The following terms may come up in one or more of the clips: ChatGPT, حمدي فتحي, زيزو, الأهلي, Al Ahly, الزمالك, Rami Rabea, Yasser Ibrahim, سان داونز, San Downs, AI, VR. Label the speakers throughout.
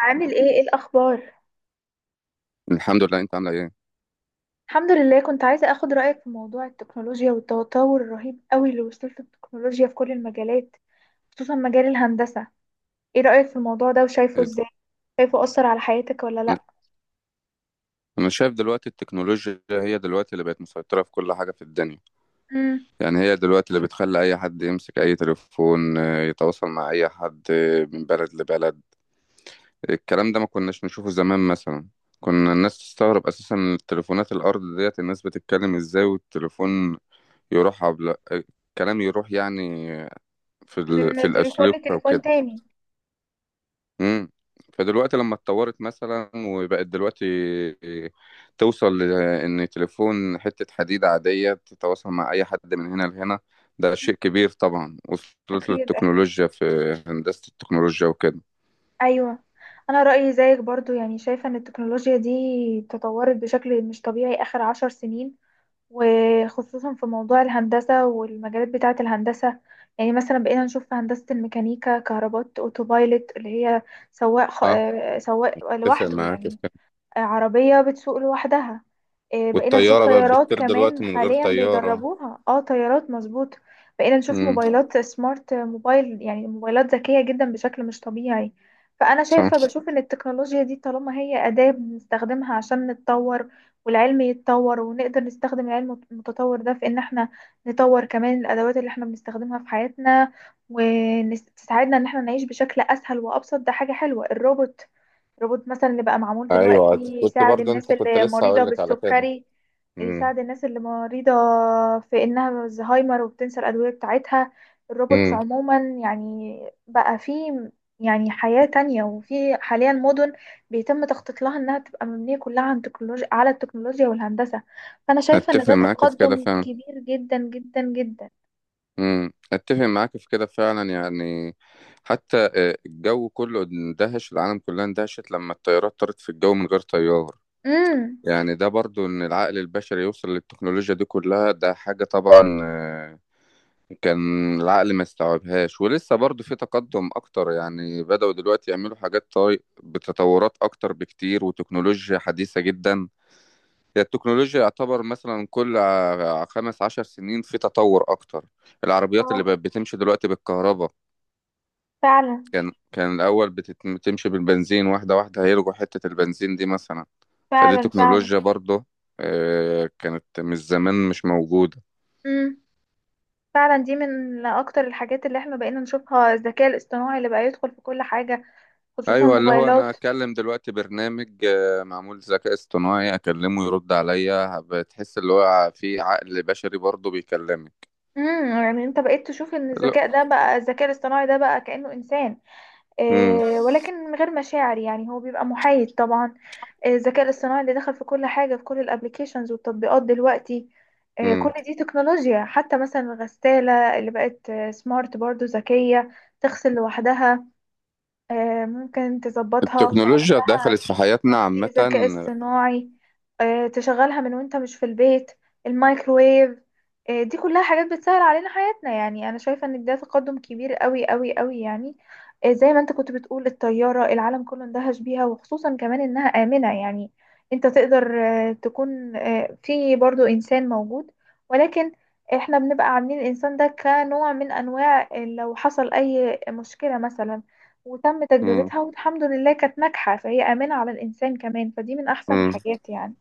Speaker 1: عامل ايه، ايه الاخبار؟
Speaker 2: الحمد لله، انت عامله ايه؟
Speaker 1: الحمد لله. كنت عايزه اخد رايك في موضوع التكنولوجيا والتطور الرهيب قوي اللي وصلت له التكنولوجيا في كل المجالات، خصوصا مجال الهندسه. ايه رايك في الموضوع ده وشايفه
Speaker 2: ايه
Speaker 1: ازاي؟ شايفه اثر على حياتك ولا
Speaker 2: ده؟
Speaker 1: لا؟
Speaker 2: انا شايف دلوقتي التكنولوجيا هي دلوقتي اللي بقت مسيطره في كل حاجه في الدنيا.
Speaker 1: امم
Speaker 2: يعني هي دلوقتي اللي بتخلي اي حد يمسك اي تليفون يتواصل مع اي حد من بلد لبلد. الكلام ده ما كناش نشوفه زمان مثلا. كنا الناس تستغرب اساسا من التليفونات الارض ديت، الناس بتتكلم ازاي والتليفون يروح عبل... آه، الكلام يروح، يعني في
Speaker 1: من تليفون
Speaker 2: الاسلوب او
Speaker 1: لتليفون
Speaker 2: كده.
Speaker 1: تاني.
Speaker 2: امم. فدلوقتي لما اتطورت مثلا وبقت دلوقتي توصل لان تليفون حتة حديد عادية تتواصل مع اي حد من هنا لهنا. ده
Speaker 1: مم.
Speaker 2: شيء كبير، طبعا وصلت
Speaker 1: اكيد اكيد.
Speaker 2: للتكنولوجيا في هندسة التكنولوجيا وكده.
Speaker 1: ايوه، انا رايي زيك برضو، يعني شايفه ان التكنولوجيا دي تطورت بشكل مش طبيعي اخر 10 سنين، وخصوصا في موضوع الهندسة والمجالات بتاعة الهندسة. يعني مثلا بقينا نشوف في هندسة الميكانيكا كهربات اوتوبايلوت، اللي هي
Speaker 2: اه،
Speaker 1: سواق
Speaker 2: اتفق
Speaker 1: لوحده
Speaker 2: معاك في
Speaker 1: يعني.
Speaker 2: كده.
Speaker 1: عربية بتسوق لوحدها. بقينا نشوف
Speaker 2: والطيارة بقت
Speaker 1: طيارات
Speaker 2: بتطير
Speaker 1: كمان
Speaker 2: دلوقتي من غير
Speaker 1: حاليا
Speaker 2: طيارة.
Speaker 1: بيدربوها، اه طيارات مظبوط. بقينا نشوف
Speaker 2: امم.
Speaker 1: موبايلات سمارت، موبايلات ذكية جدا بشكل مش طبيعي. فأنا شايفة
Speaker 2: صح.
Speaker 1: بشوف إن التكنولوجيا دي طالما هي أداة بنستخدمها عشان نتطور، والعلم يتطور ونقدر نستخدم العلم المتطور ده في إن احنا نطور كمان الأدوات اللي احنا بنستخدمها في حياتنا، وتساعدنا إن احنا نعيش بشكل أسهل وأبسط. ده حاجة حلوة، روبوت مثلا اللي بقى معمول دلوقتي
Speaker 2: ايوه، كنت
Speaker 1: يساعد
Speaker 2: برضه
Speaker 1: الناس
Speaker 2: انت كنت
Speaker 1: اللي
Speaker 2: لسه
Speaker 1: مريضة
Speaker 2: هقول لك على كده.
Speaker 1: بالسكري.
Speaker 2: امم.
Speaker 1: يساعد الناس اللي مريضة في إنها الزهايمر وبتنسى الأدوية بتاعتها، الروبوتس
Speaker 2: امم،
Speaker 1: عموما. يعني بقى في يعني حياة تانية، وفي حاليا مدن بيتم تخطيط لها إنها تبقى مبنية كلها عن تكنولوجيا على التكنولوجيا والهندسة. فأنا شايفة إن
Speaker 2: اتفق
Speaker 1: ده
Speaker 2: معاك في كده
Speaker 1: تقدم
Speaker 2: فعلا.
Speaker 1: كبير جدا جدا جدا.
Speaker 2: امم، اتفق معاك في كده فعلا، يعني حتى الجو كله اندهش، العالم كلها اندهشت لما الطيارات طارت في الجو من غير طيار.
Speaker 1: امم
Speaker 2: يعني ده برضو ان العقل البشري يوصل للتكنولوجيا دي كلها ده حاجة، طبعا كان العقل ما استوعبهاش، ولسه برضو في تقدم اكتر. يعني بدأوا دلوقتي يعملوا حاجات بتطورات اكتر بكتير وتكنولوجيا حديثة جدا. هي التكنولوجيا يعتبر مثلا كل 15 سنين في تطور أكتر. العربيات اللي
Speaker 1: اه
Speaker 2: بقت بتمشي دلوقتي بالكهرباء،
Speaker 1: فعلا
Speaker 2: كان الأول بتمشي بالبنزين، واحدة واحدة هيلغوا حتة البنزين دي مثلا. فدي
Speaker 1: فعلا فعلا.
Speaker 2: تكنولوجيا برضه كانت من زمان مش موجودة.
Speaker 1: امم فعلا دي من اكتر الحاجات اللي احنا بقينا نشوفها، الذكاء الاصطناعي اللي بقى يدخل في كل حاجة، خصوصا
Speaker 2: أيوة، اللي هو أنا
Speaker 1: موبايلات.
Speaker 2: أكلم دلوقتي برنامج معمول ذكاء اصطناعي، أكلمه يرد عليا، بتحس اللي هو في عقل بشري برضه بيكلمك.
Speaker 1: يعني انت بقيت تشوف ان
Speaker 2: لا.
Speaker 1: الذكاء الاصطناعي ده بقى كأنه انسان
Speaker 2: مم.
Speaker 1: إيه، ولكن من غير مشاعر. يعني هو بيبقى محايد طبعا. الذكاء الاصطناعي اللي دخل في كل حاجة، في كل الابليكيشنز والتطبيقات دلوقتي.
Speaker 2: مم.
Speaker 1: كل دي تكنولوجيا. حتى مثلا الغسالة اللي بقت سمارت، برضو ذكية، تغسل لوحدها. ممكن تظبطها وتعمل
Speaker 2: التكنولوجيا دخلت في حياتنا
Speaker 1: تطبيق
Speaker 2: عامة.
Speaker 1: ذكاء اصطناعي، تشغلها من وانت مش في البيت. الميكروويف، دي كلها حاجات بتسهل علينا حياتنا. يعني انا شايفة ان ده تقدم كبير قوي قوي قوي يعني. زي ما انت كنت بتقول، الطيارة العالم كله اندهش بيها. وخصوصا كمان انها آمنة، يعني انت تقدر تكون في برضو انسان موجود، ولكن احنا بنبقى عاملين الانسان ده كنوع من انواع لو حصل اي مشكلة مثلا. وتم
Speaker 2: مم.
Speaker 1: تجربتها والحمد لله كانت ناجحة، فهي آمنة على الإنسان كمان، فدي من أحسن
Speaker 2: مم.
Speaker 1: الحاجات يعني.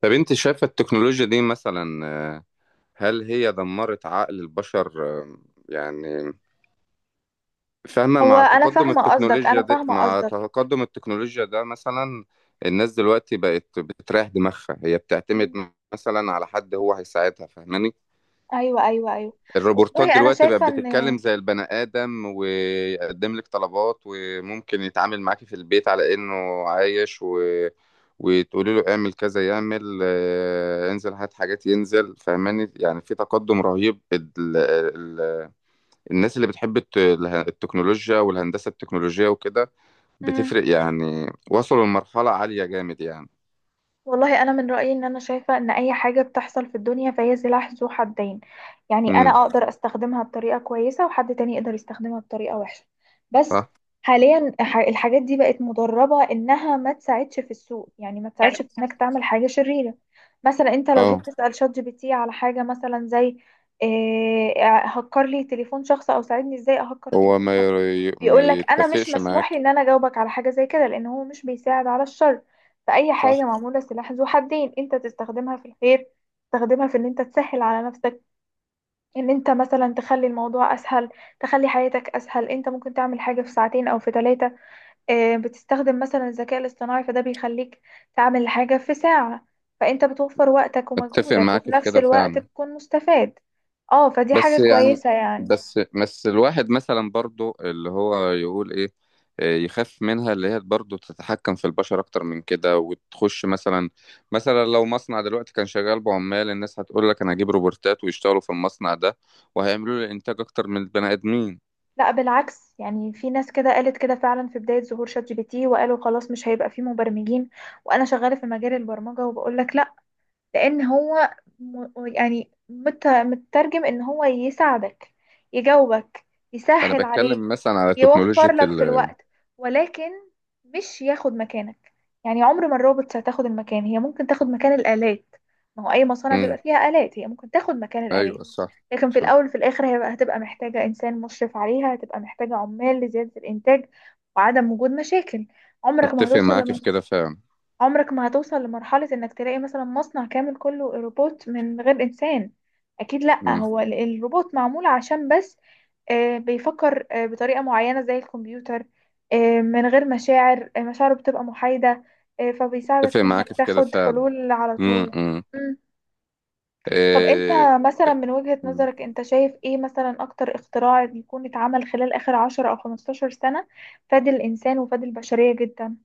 Speaker 2: طب انت شايفة التكنولوجيا دي مثلا هل هي دمرت عقل البشر؟ يعني، فاهمة؟
Speaker 1: هو
Speaker 2: مع
Speaker 1: أنا
Speaker 2: تقدم
Speaker 1: فاهمة قصدك،
Speaker 2: التكنولوجيا
Speaker 1: أنا
Speaker 2: ده
Speaker 1: فاهمة
Speaker 2: مع
Speaker 1: قصدك
Speaker 2: تقدم التكنولوجيا ده مثلا الناس دلوقتي بقت بتريح دماغها، هي
Speaker 1: مم.
Speaker 2: بتعتمد مثلا على حد هو هيساعدها، فاهماني؟
Speaker 1: أيوة أيوة أيوة.
Speaker 2: الروبورتات
Speaker 1: والله أنا
Speaker 2: دلوقتي بقت
Speaker 1: شايفة إن،
Speaker 2: بتتكلم زي البني آدم، ويقدم لك طلبات وممكن يتعامل معاكي في البيت على إنه عايش وتقولي له اعمل كذا يعمل انزل هات حاجات ينزل، فهماني؟ يعني في تقدم رهيب. الناس اللي بتحب التكنولوجيا والهندسة التكنولوجية وكده
Speaker 1: مم،
Speaker 2: بتفرق، يعني وصلوا لمرحلة عالية جامد يعني.
Speaker 1: والله انا من رايي ان انا شايفه ان اي حاجه بتحصل في الدنيا فهي سلاح ذو حدين. يعني
Speaker 2: امم.
Speaker 1: انا اقدر استخدمها بطريقه كويسه، وحد تاني يقدر يستخدمها بطريقه وحشه. بس
Speaker 2: صح.
Speaker 1: حاليا الحاجات دي بقت مدربه انها ما تساعدش في السوق، يعني ما
Speaker 2: يعني
Speaker 1: تساعدش في انك تعمل حاجه شريره. مثلا انت لو جيت
Speaker 2: اه،
Speaker 1: تسال شات جي بي تي على حاجه، مثلا زي إيه، هكر لي تليفون شخص او ساعدني ازاي اهكر
Speaker 2: هو
Speaker 1: تليفون شخص،
Speaker 2: ما
Speaker 1: بيقول لك انا مش
Speaker 2: يتفقش
Speaker 1: مسموح لي
Speaker 2: معاك.
Speaker 1: ان انا اجاوبك على حاجه زي كده، لان هو مش بيساعد على الشر. فأي حاجة
Speaker 2: صح،
Speaker 1: معمولة سلاح ذو حدين، انت تستخدمها في الخير، تستخدمها في ان انت تسهل على نفسك، ان انت مثلا تخلي الموضوع اسهل، تخلي حياتك اسهل. انت ممكن تعمل حاجة في ساعتين او في ثلاثة، بتستخدم مثلا الذكاء الاصطناعي فده بيخليك تعمل حاجة في ساعة. فانت بتوفر وقتك
Speaker 2: اتفق
Speaker 1: ومجهودك، وفي
Speaker 2: معاك في
Speaker 1: نفس
Speaker 2: كده
Speaker 1: الوقت
Speaker 2: فعلا.
Speaker 1: بتكون مستفاد. اه فدي
Speaker 2: بس
Speaker 1: حاجة
Speaker 2: يعني
Speaker 1: كويسة يعني.
Speaker 2: بس الواحد مثلا برضو اللي هو يقول ايه، يخاف منها، اللي هي برضو تتحكم في البشر اكتر من كده وتخش مثلا لو مصنع دلوقتي كان شغال بعمال، الناس هتقول لك انا هجيب روبوتات ويشتغلوا في المصنع ده وهيعملوا لي انتاج اكتر من البني ادمين.
Speaker 1: لا بالعكس، يعني في ناس كده قالت كده فعلا في بداية ظهور شات جي بي تي، وقالوا خلاص مش هيبقى فيه مبرمجين. وانا شغالة في مجال البرمجة وبقول لك، لان هو مترجم ان هو يساعدك، يجاوبك،
Speaker 2: انا
Speaker 1: يسهل عليك،
Speaker 2: بتكلم مثلا على
Speaker 1: يوفر
Speaker 2: تكنولوجيا
Speaker 1: لك في الوقت، ولكن مش ياخد مكانك. يعني عمر ما الروبوتس هتاخد المكان، هي ممكن تاخد مكان الآلات. ما هو اي مصانع
Speaker 2: مم.
Speaker 1: بيبقى فيها آلات، هي ممكن تاخد مكان الآلات.
Speaker 2: ايوه، صح.
Speaker 1: لكن في
Speaker 2: صح،
Speaker 1: الاول في الاخر هي هتبقى محتاجة انسان مشرف عليها، هتبقى محتاجة عمال لزيادة الانتاج وعدم وجود مشاكل. عمرك ما
Speaker 2: اتفق
Speaker 1: هتوصل،
Speaker 2: معاك في كده فعلا.
Speaker 1: عمرك ما هتوصل لمرحلة انك تلاقي مثلا مصنع كامل كله روبوت من غير انسان. اكيد لا،
Speaker 2: مم.
Speaker 1: هو الروبوت معمول عشان بس بيفكر بطريقة معينة زي الكمبيوتر، من غير مشاعر، مشاعره بتبقى محايدة، فبيساعدك
Speaker 2: اتفق
Speaker 1: في انك
Speaker 2: معاك في كده
Speaker 1: تاخد
Speaker 2: فعلا.
Speaker 1: حلول على طول. مم. طب انت
Speaker 2: امم.
Speaker 1: مثلا من وجهة نظرك انت شايف ايه مثلا اكتر اختراع يكون اتعمل خلال اخر 10 او 15 سنة فاد الانسان وفاد البشرية جدا؟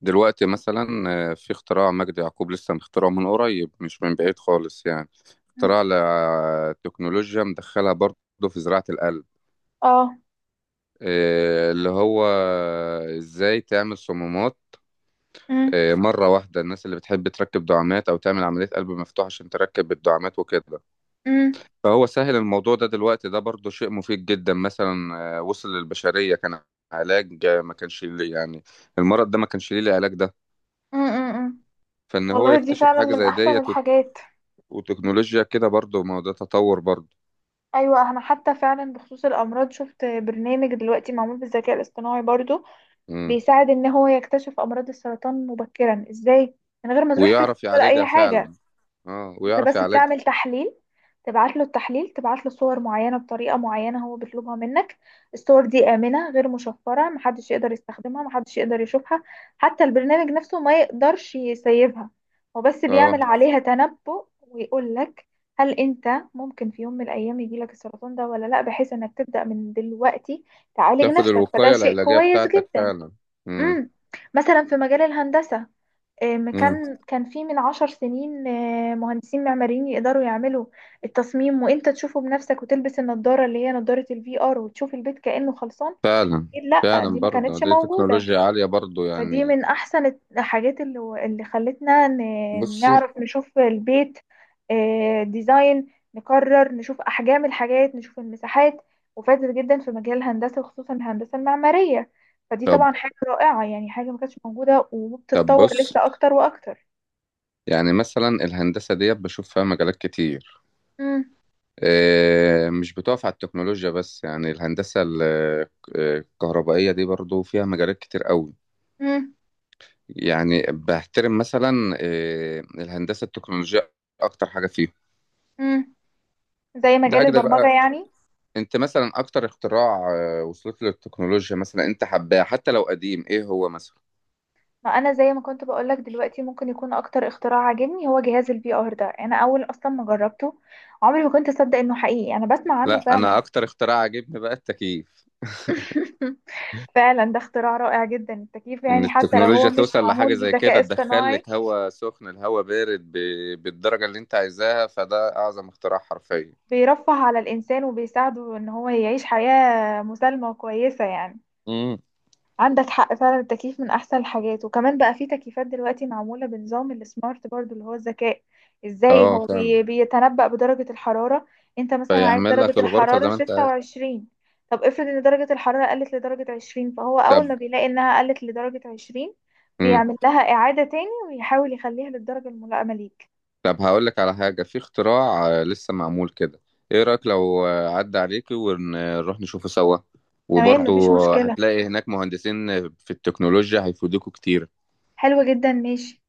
Speaker 2: دلوقتي مثلا في اختراع مجدي يعقوب لسه مخترعه من قريب، مش من بعيد خالص يعني.
Speaker 1: مم.
Speaker 2: اختراع لتكنولوجيا مدخلها برضه في زراعة القلب،
Speaker 1: اه.
Speaker 2: اللي هو ازاي تعمل صمامات
Speaker 1: مم.
Speaker 2: مرة واحدة. الناس اللي بتحب تركب دعامات أو تعمل عملية قلب مفتوح عشان تركب الدعامات وكده،
Speaker 1: مم.
Speaker 2: فهو سهل الموضوع ده دلوقتي. ده برضه شيء مفيد جدا، مثلا وصل للبشرية، كان علاج ما كانش ليه يعني. المرض ده ما كانش ليه العلاج ده،
Speaker 1: امم
Speaker 2: فإن هو
Speaker 1: والله دي
Speaker 2: يكتشف
Speaker 1: فعلا
Speaker 2: حاجة
Speaker 1: من
Speaker 2: زي
Speaker 1: احسن
Speaker 2: ديت
Speaker 1: الحاجات.
Speaker 2: وتكنولوجيا كده برضو، ما هو ده تطور برضو.
Speaker 1: ايوه انا حتى فعلا بخصوص الامراض شفت برنامج دلوقتي معمول بالذكاء الاصطناعي برضو،
Speaker 2: مم.
Speaker 1: بيساعد ان هو يكتشف امراض السرطان مبكرا ازاي، من غير ما تروح تكتب
Speaker 2: ويعرف
Speaker 1: ولا
Speaker 2: يعالجها
Speaker 1: اي حاجه.
Speaker 2: فعلا. اه،
Speaker 1: انت
Speaker 2: ويعرف
Speaker 1: بس
Speaker 2: يعالجها.
Speaker 1: بتعمل تحليل، تبعت له التحليل، تبعت له صور معينة بطريقة معينة هو بيطلبها منك. الصور دي آمنة غير مشفرة، محدش يقدر يستخدمها، محدش يقدر يشوفها، حتى البرنامج نفسه ما يقدرش يسيبها. هو بس
Speaker 2: اه،
Speaker 1: بيعمل عليها تنبؤ ويقول لك هل انت ممكن في يوم من الايام يجيلك السرطان ده ولا لا، بحيث انك تبدأ من دلوقتي تعالج
Speaker 2: تاخد
Speaker 1: نفسك. فده
Speaker 2: الوقاية
Speaker 1: شيء
Speaker 2: العلاجية
Speaker 1: كويس
Speaker 2: بتاعتك
Speaker 1: جدا.
Speaker 2: فعلا. مم.
Speaker 1: امم مثلا في مجال الهندسة،
Speaker 2: مم.
Speaker 1: كان كان في من 10 سنين مهندسين معماريين يقدروا يعملوا التصميم وانت تشوفه بنفسك، وتلبس النضارة اللي هي نضارة الفي ار وتشوف البيت كأنه خلصان.
Speaker 2: فعلا.
Speaker 1: أكيد لا، دي
Speaker 2: فعلا
Speaker 1: ما
Speaker 2: برضو
Speaker 1: كانتش
Speaker 2: دي
Speaker 1: موجودة.
Speaker 2: تكنولوجيا عالية برضو
Speaker 1: فدي
Speaker 2: يعني.
Speaker 1: من احسن الحاجات اللي خلتنا
Speaker 2: بصي.
Speaker 1: نعرف نشوف البيت، ديزاين، نقرر، نشوف احجام الحاجات، نشوف المساحات. وفادت جدا في مجال الهندسة، وخصوصا الهندسة المعمارية. فدي
Speaker 2: طب
Speaker 1: طبعا حاجة رائعة يعني، حاجة ما كانتش موجودة
Speaker 2: طب
Speaker 1: وبتتطور لسه
Speaker 2: بص.
Speaker 1: اكتر واكتر.
Speaker 2: يعني مثلا الهندسة ديت بشوف فيها مجالات كتير،
Speaker 1: مم.
Speaker 2: مش بتقف على التكنولوجيا بس. يعني الهندسة الكهربائية دي برضو فيها مجالات كتير قوي.
Speaker 1: مم.
Speaker 2: يعني بحترم مثلا الهندسه التكنولوجيه اكتر حاجه فيهم.
Speaker 1: مم. زي مجال
Speaker 2: لاجل
Speaker 1: البرمجة
Speaker 2: بقى،
Speaker 1: يعني.
Speaker 2: انت مثلا اكتر اختراع وصلت له التكنولوجيا، مثلا انت حباه حتى لو قديم، ايه هو مثلا؟
Speaker 1: ما انا زي ما كنت بقولك دلوقتي، ممكن يكون اكتر اختراع عاجبني هو جهاز الفي ار ده. انا اول اصلا ما جربته، عمري ما كنت اصدق انه حقيقي، انا بسمع عنه
Speaker 2: لا،
Speaker 1: فعلا.
Speaker 2: انا اكتر اختراع عجبني بقى التكييف.
Speaker 1: فعلا ده اختراع رائع جدا، التكييف،
Speaker 2: ان
Speaker 1: يعني حتى لو هو
Speaker 2: التكنولوجيا
Speaker 1: مش
Speaker 2: توصل لحاجه
Speaker 1: معمول
Speaker 2: زي
Speaker 1: بذكاء
Speaker 2: كده، تدخل
Speaker 1: اصطناعي،
Speaker 2: لك هواء سخن، الهواء بارد بالدرجه اللي انت عايزاها، فده اعظم اختراع حرفيا.
Speaker 1: بيرفه على الانسان وبيساعده ان هو يعيش حياة مسالمة وكويسة يعني.
Speaker 2: امم.
Speaker 1: عندك حق فعلا، التكييف من احسن الحاجات. وكمان بقى في تكييفات دلوقتي معموله بنظام السمارت برضو، اللي هو الذكاء، ازاي
Speaker 2: اه،
Speaker 1: هو
Speaker 2: فاهم.
Speaker 1: بيتنبأ بدرجه الحراره. انت مثلا عايز
Speaker 2: فيعمل
Speaker 1: درجه
Speaker 2: لك الغرفه زي
Speaker 1: الحراره
Speaker 2: ما انت عايز.
Speaker 1: 26. طب افرض ان درجه الحراره قلت لدرجه 20، فهو
Speaker 2: طب.
Speaker 1: اول ما بيلاقي انها قلت لدرجه 20،
Speaker 2: مم.
Speaker 1: بيعمل لها اعاده تاني ويحاول يخليها للدرجه الملائمه ليك.
Speaker 2: طب هقول لك على حاجة، في اختراع لسه معمول كده، ايه رأيك لو عدى عليكي ونروح نشوفه سوا؟
Speaker 1: تمام
Speaker 2: وبرضه
Speaker 1: مفيش مشكله.
Speaker 2: هتلاقي هناك مهندسين في التكنولوجيا هيفيدوكوا كتير.
Speaker 1: حلو جدا، ماشي.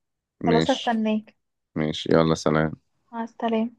Speaker 1: خلاص
Speaker 2: ماشي.
Speaker 1: هستناك.
Speaker 2: ماشي، يلا سلام.
Speaker 1: مع السلامه.